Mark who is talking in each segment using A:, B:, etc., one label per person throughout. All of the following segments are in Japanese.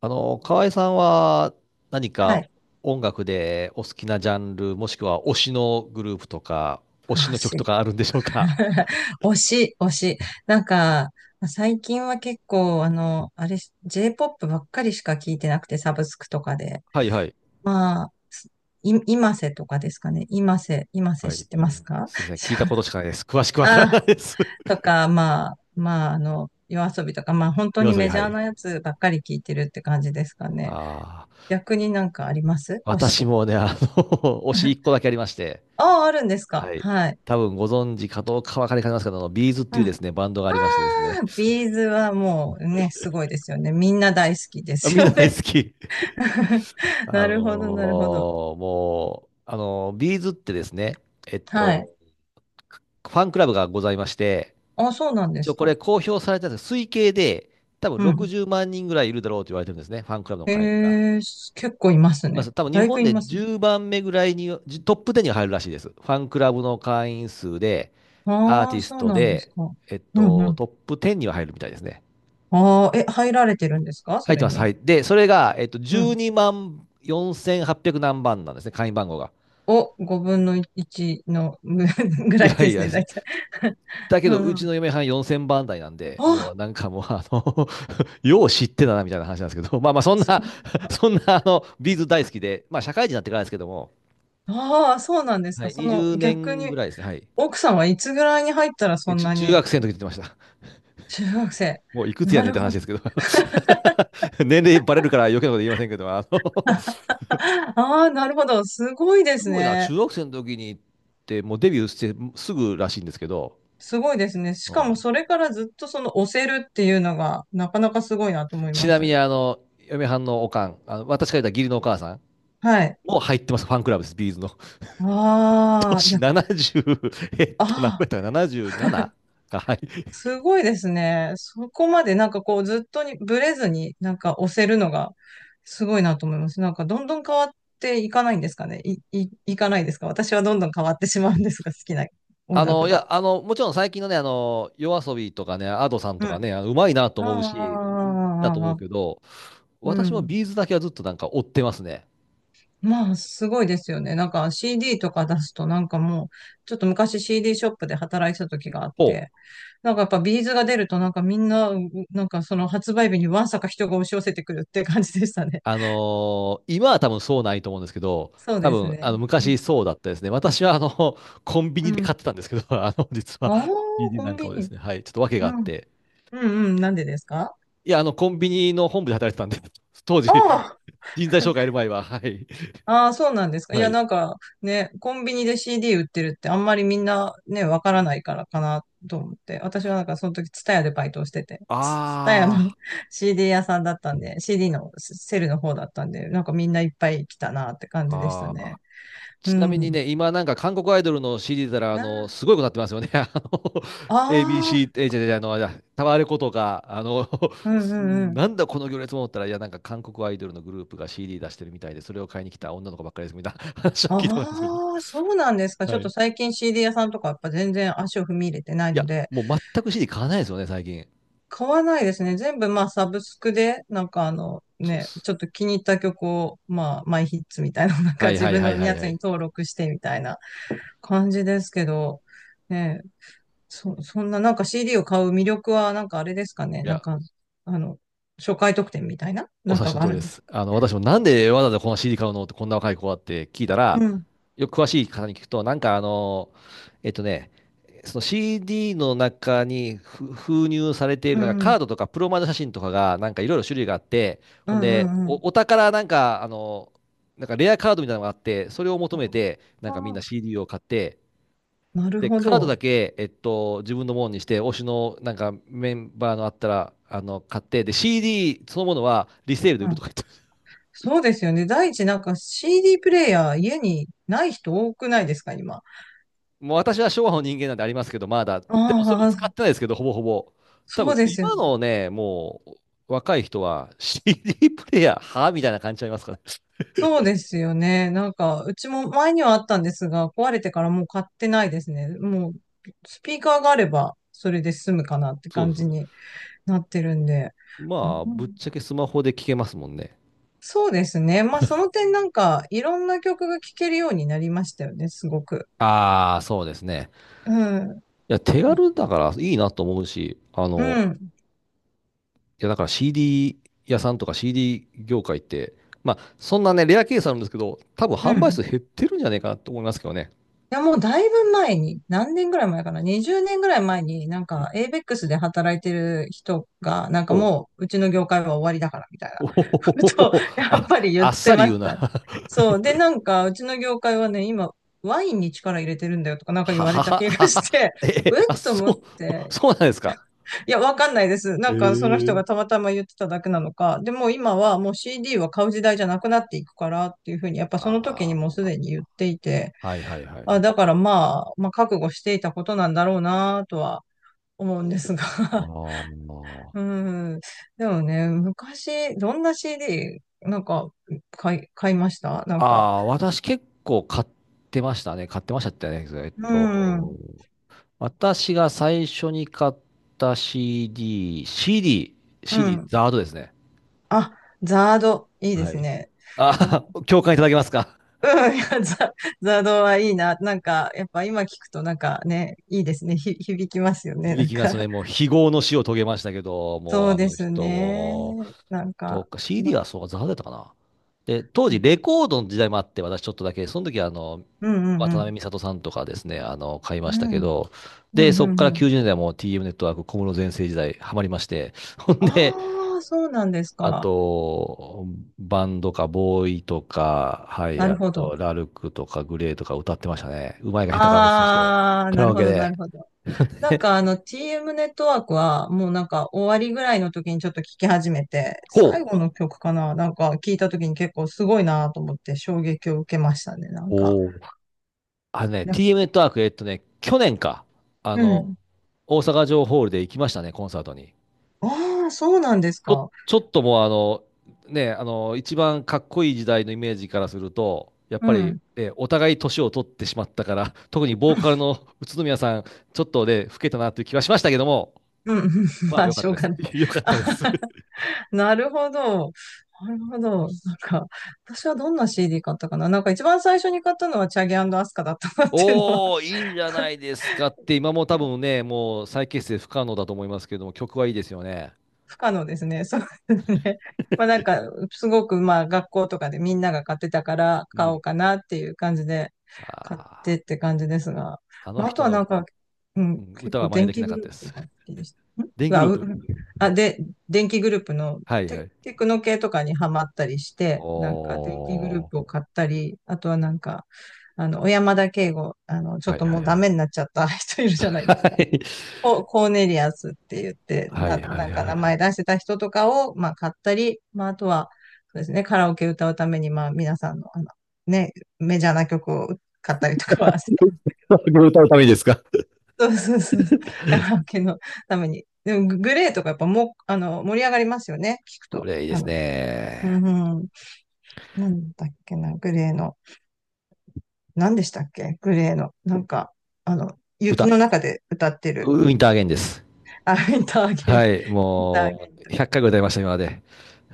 A: 河合さんは何
B: は
A: か
B: い。
A: 音楽でお好きなジャンル、もしくは推しのグループとか、推し
B: 推
A: の曲と
B: し。
A: かあるんでしょうか？
B: 推し。なんか、最近は結構、あの、あれ、J-POP ばっかりしか聞いてなくて、サブスクとかで。
A: はいはい。
B: まあ、今瀬とかですかね。今瀬
A: は
B: 知
A: い。
B: ってますか？
A: すいません。聞いたこと しかないです。詳しくわからな
B: あ、
A: いです。
B: とか、まあ、あの、夜遊びとか、まあ、本 当
A: 夜
B: に
A: 遊び、
B: メジ
A: は
B: ャー
A: い。
B: なやつばっかり聞いてるって感じですかね。
A: ああ、
B: 逆になんかあります、推し
A: 私
B: とか？
A: もね、推し一個 だけありまして、
B: ああ、あるんですか、
A: はい。
B: はい。
A: 多分ご存知かどうかわかりかねますけど、ビーズっていうですね、バンドがありましてですね。
B: ビーズはもうね、すごいですよね。みんな大好きで
A: あ、
B: す
A: みん
B: よ
A: な大
B: ね。
A: 好き。あ
B: な
A: の
B: るほど、なるほど。
A: ーもう、あのービーズってですね、えっ
B: はい。
A: と、ファンクラブがございまして、
B: あ、そうなんで
A: 一
B: す
A: 応こ
B: か。
A: れ公表されたんですけど推計で、多分
B: うん。
A: 60万人ぐらいいるだろうと言われてるんですね、ファンクラブの会員が。
B: えー、す結構います
A: ま
B: ね。
A: あ、多分日
B: だいぶ
A: 本
B: い
A: で
B: ます
A: 10
B: ね。
A: 番目ぐらいに、トップ10に入るらしいです。ファンクラブの会員数で、アー
B: あ
A: テ
B: あ、
A: ィス
B: そう
A: ト
B: なんです
A: で、
B: か。うんうん。
A: トップ10には入るみたいですね。
B: ああ、え、入られてるんですか、そ
A: 入って
B: れ
A: ます。
B: に？
A: はい。で、それが、
B: う
A: 12
B: ん。
A: 万4800何番なんですね、会員番号が。
B: お、5分の1のぐ ぐら
A: ぐ
B: い
A: ら
B: で
A: い
B: す
A: で
B: ね、
A: す。
B: 大体。
A: だけ
B: う
A: ど、
B: んう
A: うち
B: ん。
A: の嫁はん4000番台なんで、もう
B: あ、
A: なんかもう、よう知ってたなみたいな話なんですけど、まあまあ、そん
B: そ
A: な
B: れ は。
A: そんな、ビーズ大好きで、まあ、社会人になってからですけども、
B: ああ、そうなんです
A: は
B: か。
A: い、
B: その
A: 20
B: 逆
A: 年ぐ
B: に、
A: らいですね、はい。
B: 奥さんはいつぐらいに入ったらそ
A: え
B: ん
A: ちゅ
B: な
A: 中
B: に。
A: 学生の時って言ってました。
B: 中学生。
A: もうい くつや
B: な
A: ねんっ
B: る
A: て
B: ほ
A: 話で
B: ど。
A: すけど 年齢バレるから余計なこと言いませんけど、
B: ああ、なるほど。すごい で
A: す
B: す
A: ごいな、
B: ね。
A: 中学生の時にって、もうデビューしてすぐらしいんですけど、
B: すごいですね。し
A: う
B: かも
A: ん。
B: それからずっとその押せるっていうのがなかなかすごいなと思い
A: ち
B: ま
A: なみ
B: す。
A: に、嫁はんのおかん、あの私から言った義理のお母さん、
B: はい。
A: もう入ってます、ファンクラブです、ビーズの。
B: ああ、い
A: 年
B: や、
A: 70、
B: あ
A: 何
B: あ、
A: 倍だったか、77？ はい。
B: すごいですね。そこまでなんかこうずっとにブレずになんか押せるのがすごいなと思います。なんかどんどん変わっていかないんですかね。いかないですか。私はどんどん変わってしまうんですが、好きな音楽
A: いや、
B: が。
A: もちろん最近のね、夜遊びとかね、アドさん
B: う
A: と
B: ん。
A: か
B: あ
A: ね、うまいなと
B: あ、
A: 思うし、いいなと
B: ああ、あ
A: 思う
B: あ、
A: けど、
B: う
A: 私も
B: ん。
A: ビーズだけはずっとなんか追ってますね。
B: まあ、すごいですよね。なんか CD とか出すと、なんかもう、ちょっと昔 CD ショップで働いてた時があっ
A: ほう。
B: て、なんかやっぱビーズが出ると、なんかみんな、う、なんかその発売日にわんさか人が押し寄せてくるって感じでしたね。
A: 今は多分そうないと思うんですけど、
B: そう
A: 多
B: です
A: 分、
B: ね。う
A: 昔
B: ん。
A: そうだったですね。私は、コンビ
B: う
A: ニで買っ
B: ん、
A: てたんですけど、実は、
B: ああ、
A: ビー d
B: コ
A: な
B: ン
A: んか
B: ビ
A: をです
B: ニ。
A: ね、はい、ちょっと訳
B: う
A: があっ
B: ん。
A: て、
B: うんうん。なんでですか？
A: いや、コンビニの本部で働いてたんで、当
B: あ
A: 時、
B: あー、
A: 人材紹介やる前は、はい、
B: ああ、そうなんですか。い
A: は
B: や、
A: い。
B: なんかね、コンビニで CD 売ってるってあんまりみんなね、わからないからかなと思って。私はなんかその時、ツタヤでバイトをしてて、ツツタヤの
A: あ
B: CD 屋さんだったんで、CD のセルの方だったんで、なんかみんないっぱい来たなって感じでした
A: あ、ああ。
B: ね。う
A: ちなみに
B: ん。
A: ね、今なんか韓国アイドルの CD たら、
B: あ
A: すごいことになってますよね。
B: あー、
A: ABC、え、じゃじゃあの、あタワレコとか、
B: うんうんうん。
A: なんだこの行列も思ったら、いや、なんか韓国アイドルのグループが CD 出してるみたいで、それを買いに来た女の子ばっかりですみたいな 話は聞いたんですけど。
B: ああ、そうなんですか。ち
A: は
B: ょっ
A: い。
B: と
A: い
B: 最近 CD 屋さんとかやっぱ全然足を踏み入れてないの
A: や、
B: で、
A: もう全く CD 買わないですよね、最近。
B: 買わないですね。全部まあサブスクで、なんかあの
A: そうで
B: ね、
A: す。
B: ちょっと気に入った曲を、まあマイヒッツみたいな、なんか
A: はい
B: 自
A: はい
B: 分
A: は
B: の
A: いはい
B: や
A: は
B: つ
A: い。
B: に登録してみたいな感じですけど、ね、そんななんか CD を買う魅力はなんかあれですかね。
A: い
B: なん
A: や、
B: か、あの、初回特典みたいな
A: お
B: なん
A: 察
B: か
A: しの
B: があ
A: 通り
B: る
A: で
B: んです？
A: す。私もなんでわざわざこの CD 買うのってこんな若い子はって聞いたら、
B: うん、
A: よく詳しい方に聞くと、えっとね、その CD の中に封入されてい
B: う
A: る
B: ん、
A: なんか
B: う
A: カ
B: ん、
A: ードとかプロマイド写真とかがなんかいろいろ種類があって、
B: う
A: ほんで、
B: ん、うん。
A: お宝なんかなんかレアカードみたいなのがあって、それを求めて、なん
B: あ
A: かみんな
B: ー、
A: CD を買って、
B: なる
A: で、
B: ほ
A: カード
B: ど。
A: だけ、自分のものにして、推しのなんかメンバーのあったら、買って、で、CD そのものはリセールで売
B: う
A: る
B: ん、
A: とか。
B: そうですよね。第一、なんか CD プレイヤー家にない人多くないですか、今。
A: もう私は昭和の人間なんでありますけど、まだ。でもそれも使っ
B: あ、
A: てないですけど、ほぼほぼ。多
B: そう
A: 分
B: ですよ
A: 今
B: ね。
A: のね、もう若い人は CD プレイヤー、はみたいな感じちゃいますからね。
B: そうですよね。なんか、うちも前にはあったんですが、壊れてからもう買ってないですね。もう、スピーカーがあれば、それで済むかなって
A: そう
B: 感
A: そ
B: じ
A: う。
B: になってるんで。
A: ま
B: あ、う
A: あ、ぶっ
B: ん、
A: ちゃけスマホで聞けますもんね。
B: そうですね。まあ、その点なんか、いろんな曲が聴けるようになりましたよね、すごく。
A: ああ、そうですね。
B: うん、
A: いや、手軽だからいいなと思うし、
B: うん、
A: いや、だから CD 屋さんとか CD 業界って、まあ、そんなね、レアケースなんですけど、多分
B: う
A: 販売数
B: ん。
A: 減ってるんじゃないかなと思いますけどね。
B: いや、もうだいぶ前に、何年ぐらい前かな、20年ぐらい前に、なん
A: うん。
B: か、ABEX で働いてる人が、なん
A: お
B: か
A: う
B: もう、うちの業界は終わりだから、みたい
A: おほほ
B: な
A: ほ
B: ことを、
A: ほほ
B: やっぱ
A: あ、
B: り言っ
A: あっ
B: て
A: さり
B: ま
A: 言
B: し
A: う
B: た
A: な。
B: ね。そう。で、なんか、うちの業界はね、今、ワインに力入れてるんだよとか、なんか言
A: は
B: わ
A: は
B: れた
A: は
B: 気が
A: は。
B: して、
A: え、
B: えっ
A: あ、
B: と思っ
A: そう、
B: て、
A: そうなんですか。
B: いや、わかんないです。な
A: え
B: んか、その人がた
A: え。
B: またま言ってただけなのか、でも今はもう CD は買う時代じゃなくなっていくからっていうふうに、やっぱその時
A: あ
B: にもうすでに言っていて、
A: あ、はいはいはいは
B: あ、
A: い。
B: だからまあ、まあ、覚悟していたことなんだろうなとは思うんですが。
A: あ ー
B: うん。でもね、昔、どんな CD、なんか、買いましたな
A: あ
B: んか。
A: あ、私結構買ってましたね。買ってましたってね。
B: うん。
A: 私が最初に買った CD、CD、
B: う
A: CD、
B: ん。
A: ザードですね。
B: あ、ザード、いいで
A: は
B: す
A: い。
B: ね。な
A: ああ、共感いただけますか？
B: うん、いや、ザードはいいな。なんか、やっぱ今聞くとなんかね、いいですね。ひ、響きますよ ね。な
A: 響
B: ん
A: きま
B: か、
A: すね。もう 非業の死を遂げましたけど、もう
B: そう
A: あ
B: で
A: の
B: す
A: 人
B: ね。
A: も
B: なん
A: そ
B: か、
A: か、
B: ま、
A: CD はそうか、ザハだったかな。で、当
B: う
A: 時
B: ん
A: レコードの時代もあって、私ちょっとだけ、その時は
B: うん
A: 渡
B: う
A: 辺
B: ん。
A: 美里さんとかですね、買いま
B: う
A: したけ
B: ん、
A: ど、
B: うん、
A: で、
B: う
A: そこ
B: ん、
A: か
B: う
A: ら
B: ん。
A: 90年代も TM ネットワーク、小室全盛時代、ハマりまして、ほんで、
B: ああ、そうなんです
A: あ
B: か。
A: と、バンドか、ボーイとか、はい、
B: なる
A: あ
B: ほ
A: と、
B: ど。
A: ラルクとか、グレーとか歌ってましたね。うまいか下手かは別として、
B: ああ、
A: カ
B: な
A: ラ
B: る
A: オ
B: ほ
A: ケ
B: ど、な
A: で。
B: るほど。なんかあの TM ネットワークはもうなんか終わりぐらいの時にちょっと聞き始めて、
A: こ
B: 最
A: う。
B: 後の曲かななんか聞いた時に結構すごいなと思って衝撃を受けましたね、なんか。
A: お、あのね、
B: な、
A: TM ネットワーク、去年か、あ
B: う
A: の、
B: ん。
A: 大阪城ホールで行きましたね、コンサートに。
B: ああ、そうなんですか。
A: ちょっともう一番かっこいい時代のイメージからすると、やっ
B: う
A: ぱり、
B: ん。
A: お互い年を取ってしまったから、特にボーカルの宇都宮さん、ちょっとね、老けたなという気はしましたけども、
B: うん、うん、うん。
A: ま
B: ま
A: あ、
B: あ、
A: 良かっ
B: しょ
A: た
B: う
A: で
B: が
A: す。
B: ない。
A: 良かったです。
B: なるほど。なるほど。なんか、私はどんな CD 買ったかな、なんか一番最初に買ったのはチャゲアスカだったなっていうのは。
A: おー、いいじゃな いですかって、今も多分ね、もう再結成不可能だと思いますけども、曲はいいですよね。
B: 不可能ですね。そうですね。まあなんか、すごくまあ学校とかでみんなが買ってたから
A: う
B: 買おう
A: ん。
B: かなっていう感じで買って
A: あ
B: って感じですが。
A: あの
B: まああと
A: 人
B: はなん
A: の
B: か、う
A: う
B: ん、
A: ん、
B: 結
A: 歌は
B: 構
A: 真似
B: 電
A: でき
B: 気
A: なか
B: グ
A: っ
B: ル
A: た
B: ー
A: で
B: プと
A: す。
B: か好きでした。ん、う
A: デイング
B: わ、
A: ルー
B: う、
A: プ。
B: うん、あ、で、電気グループの
A: はいはい。
B: テクノ系とかにハマったりして、なんか電気グルー
A: お
B: プを買ったり、あとはなんか、あの、小山田圭吾、あの、
A: ー。
B: ちょ
A: は
B: っ
A: い
B: と
A: は
B: も
A: い
B: う
A: は
B: ダ
A: い。
B: メになっちゃった人いるじゃないです
A: は
B: か。
A: い。
B: ココーネリアスって言って、
A: は
B: な、
A: いはい
B: なんか
A: は
B: 名
A: い。
B: 前出してた人とかを、まあ、買ったり、まあ、あとは、そうですね、カラオケ歌うために、まあ、皆さんの、あの、ね、メジャーな曲を買ったりとかはしてます。
A: これ歌うためにですか？
B: そうそうそうそう。カラオケのために。でも、ググレーとかやっぱもう、あの、盛り上がりますよね、聞く
A: こ
B: と。
A: れいいで
B: あ
A: す
B: の、う
A: ね。
B: んうん、なんだっけな、グレーの、何でしたっけ、グレーの、なんか、あの、雪
A: 歌
B: の中で歌ってる、
A: ウウィンターアゲインです。
B: あ、ウィンターゲイン、
A: はい。
B: ウィンターゲ
A: も
B: イン
A: う、
B: と
A: 100
B: か。
A: 回ぐらい歌いました、今まで。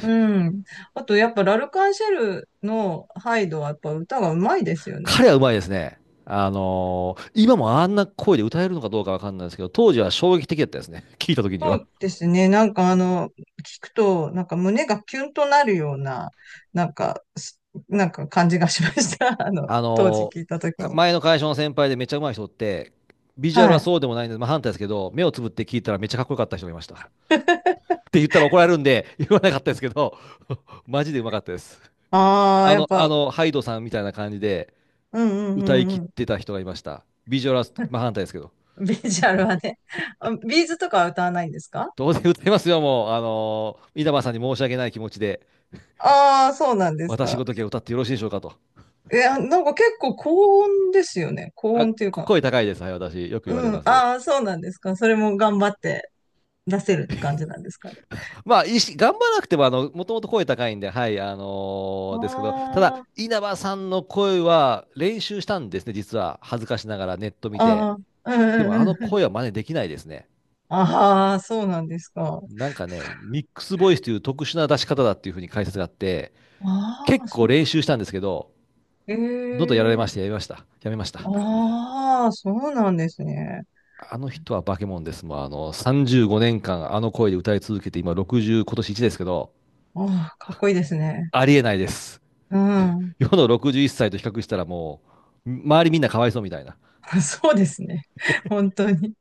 B: うん。あと、やっぱ、ラルカンシェルのハイドは、やっぱ歌がうまいですよね。
A: 彼はうまいですね。今もあんな声で歌えるのかどうかわかんないですけど、当時は衝撃的だったですね。聞いた時に
B: そ
A: は。
B: うですね。なんか、あの、聞くと、なんか胸がキュンとなるような、なんか、す、なんか感じがしました。あの、
A: あ
B: 当時
A: の、
B: 聞いたときに。
A: 前の会社の先輩でめっちゃ上手い人って、ビジュアル
B: は
A: は
B: い。
A: そうでもないんで、まあ、反対ですけど、目をつぶって聞いたらめっちゃかっこよかった人がいました。っ て言ったら怒られるんで、言わなかったですけど、マジで上手かったです。
B: ああ、やっぱ、
A: ハイドさんみたいな感じで
B: うんう
A: 歌い
B: んう
A: 切っ
B: ん
A: てた人がいました。ビジュアルは
B: うん。
A: 真反対ですけど。
B: ビジュアルはね。あ、ビーズとかは歌わないんですか？
A: 当然歌いますよ、もう。稲葉さんに申し訳ない気持ちで、
B: ああー、そうなんです
A: 私
B: か。
A: ごときは歌ってよろしいでしょうかと。
B: いや、なんか結構高音ですよね。高
A: あ、
B: 音っていうか。
A: 声高いです。はい、私。よく言われ
B: うん。
A: ます。
B: ああ、そうなんですか。それも頑張って出せる感じなんですかね。
A: まあ、いいし頑張らなくても、もともと声高いんで、はい、ですけど、ただ、
B: あ
A: 稲葉さんの声は練習したんですね、実は。恥ずかしながらネット見て。
B: あ、ああ、う
A: でも、あ
B: んう
A: の
B: んうん。
A: 声は真似できないですね。
B: ああ、そうなんですか。
A: なんかね、ミックスボイスという特殊な出し方だっていうふうに解説があって、
B: あ
A: 結
B: あ、そ
A: 構
B: う。
A: 練習したんですけど、
B: え
A: どんどんやられまし
B: え、
A: て、やめました。やめました。
B: ああ、そうなんですね。
A: あの人は化け物です。もう、35年間、あの声で歌い続けて、今60、今年1ですけど、
B: ああ、かっこいいですね。
A: ありえないです。
B: うん。
A: 世の61歳と比較したらもう、周りみんなかわいそうみたいな。
B: そうですね。本当に。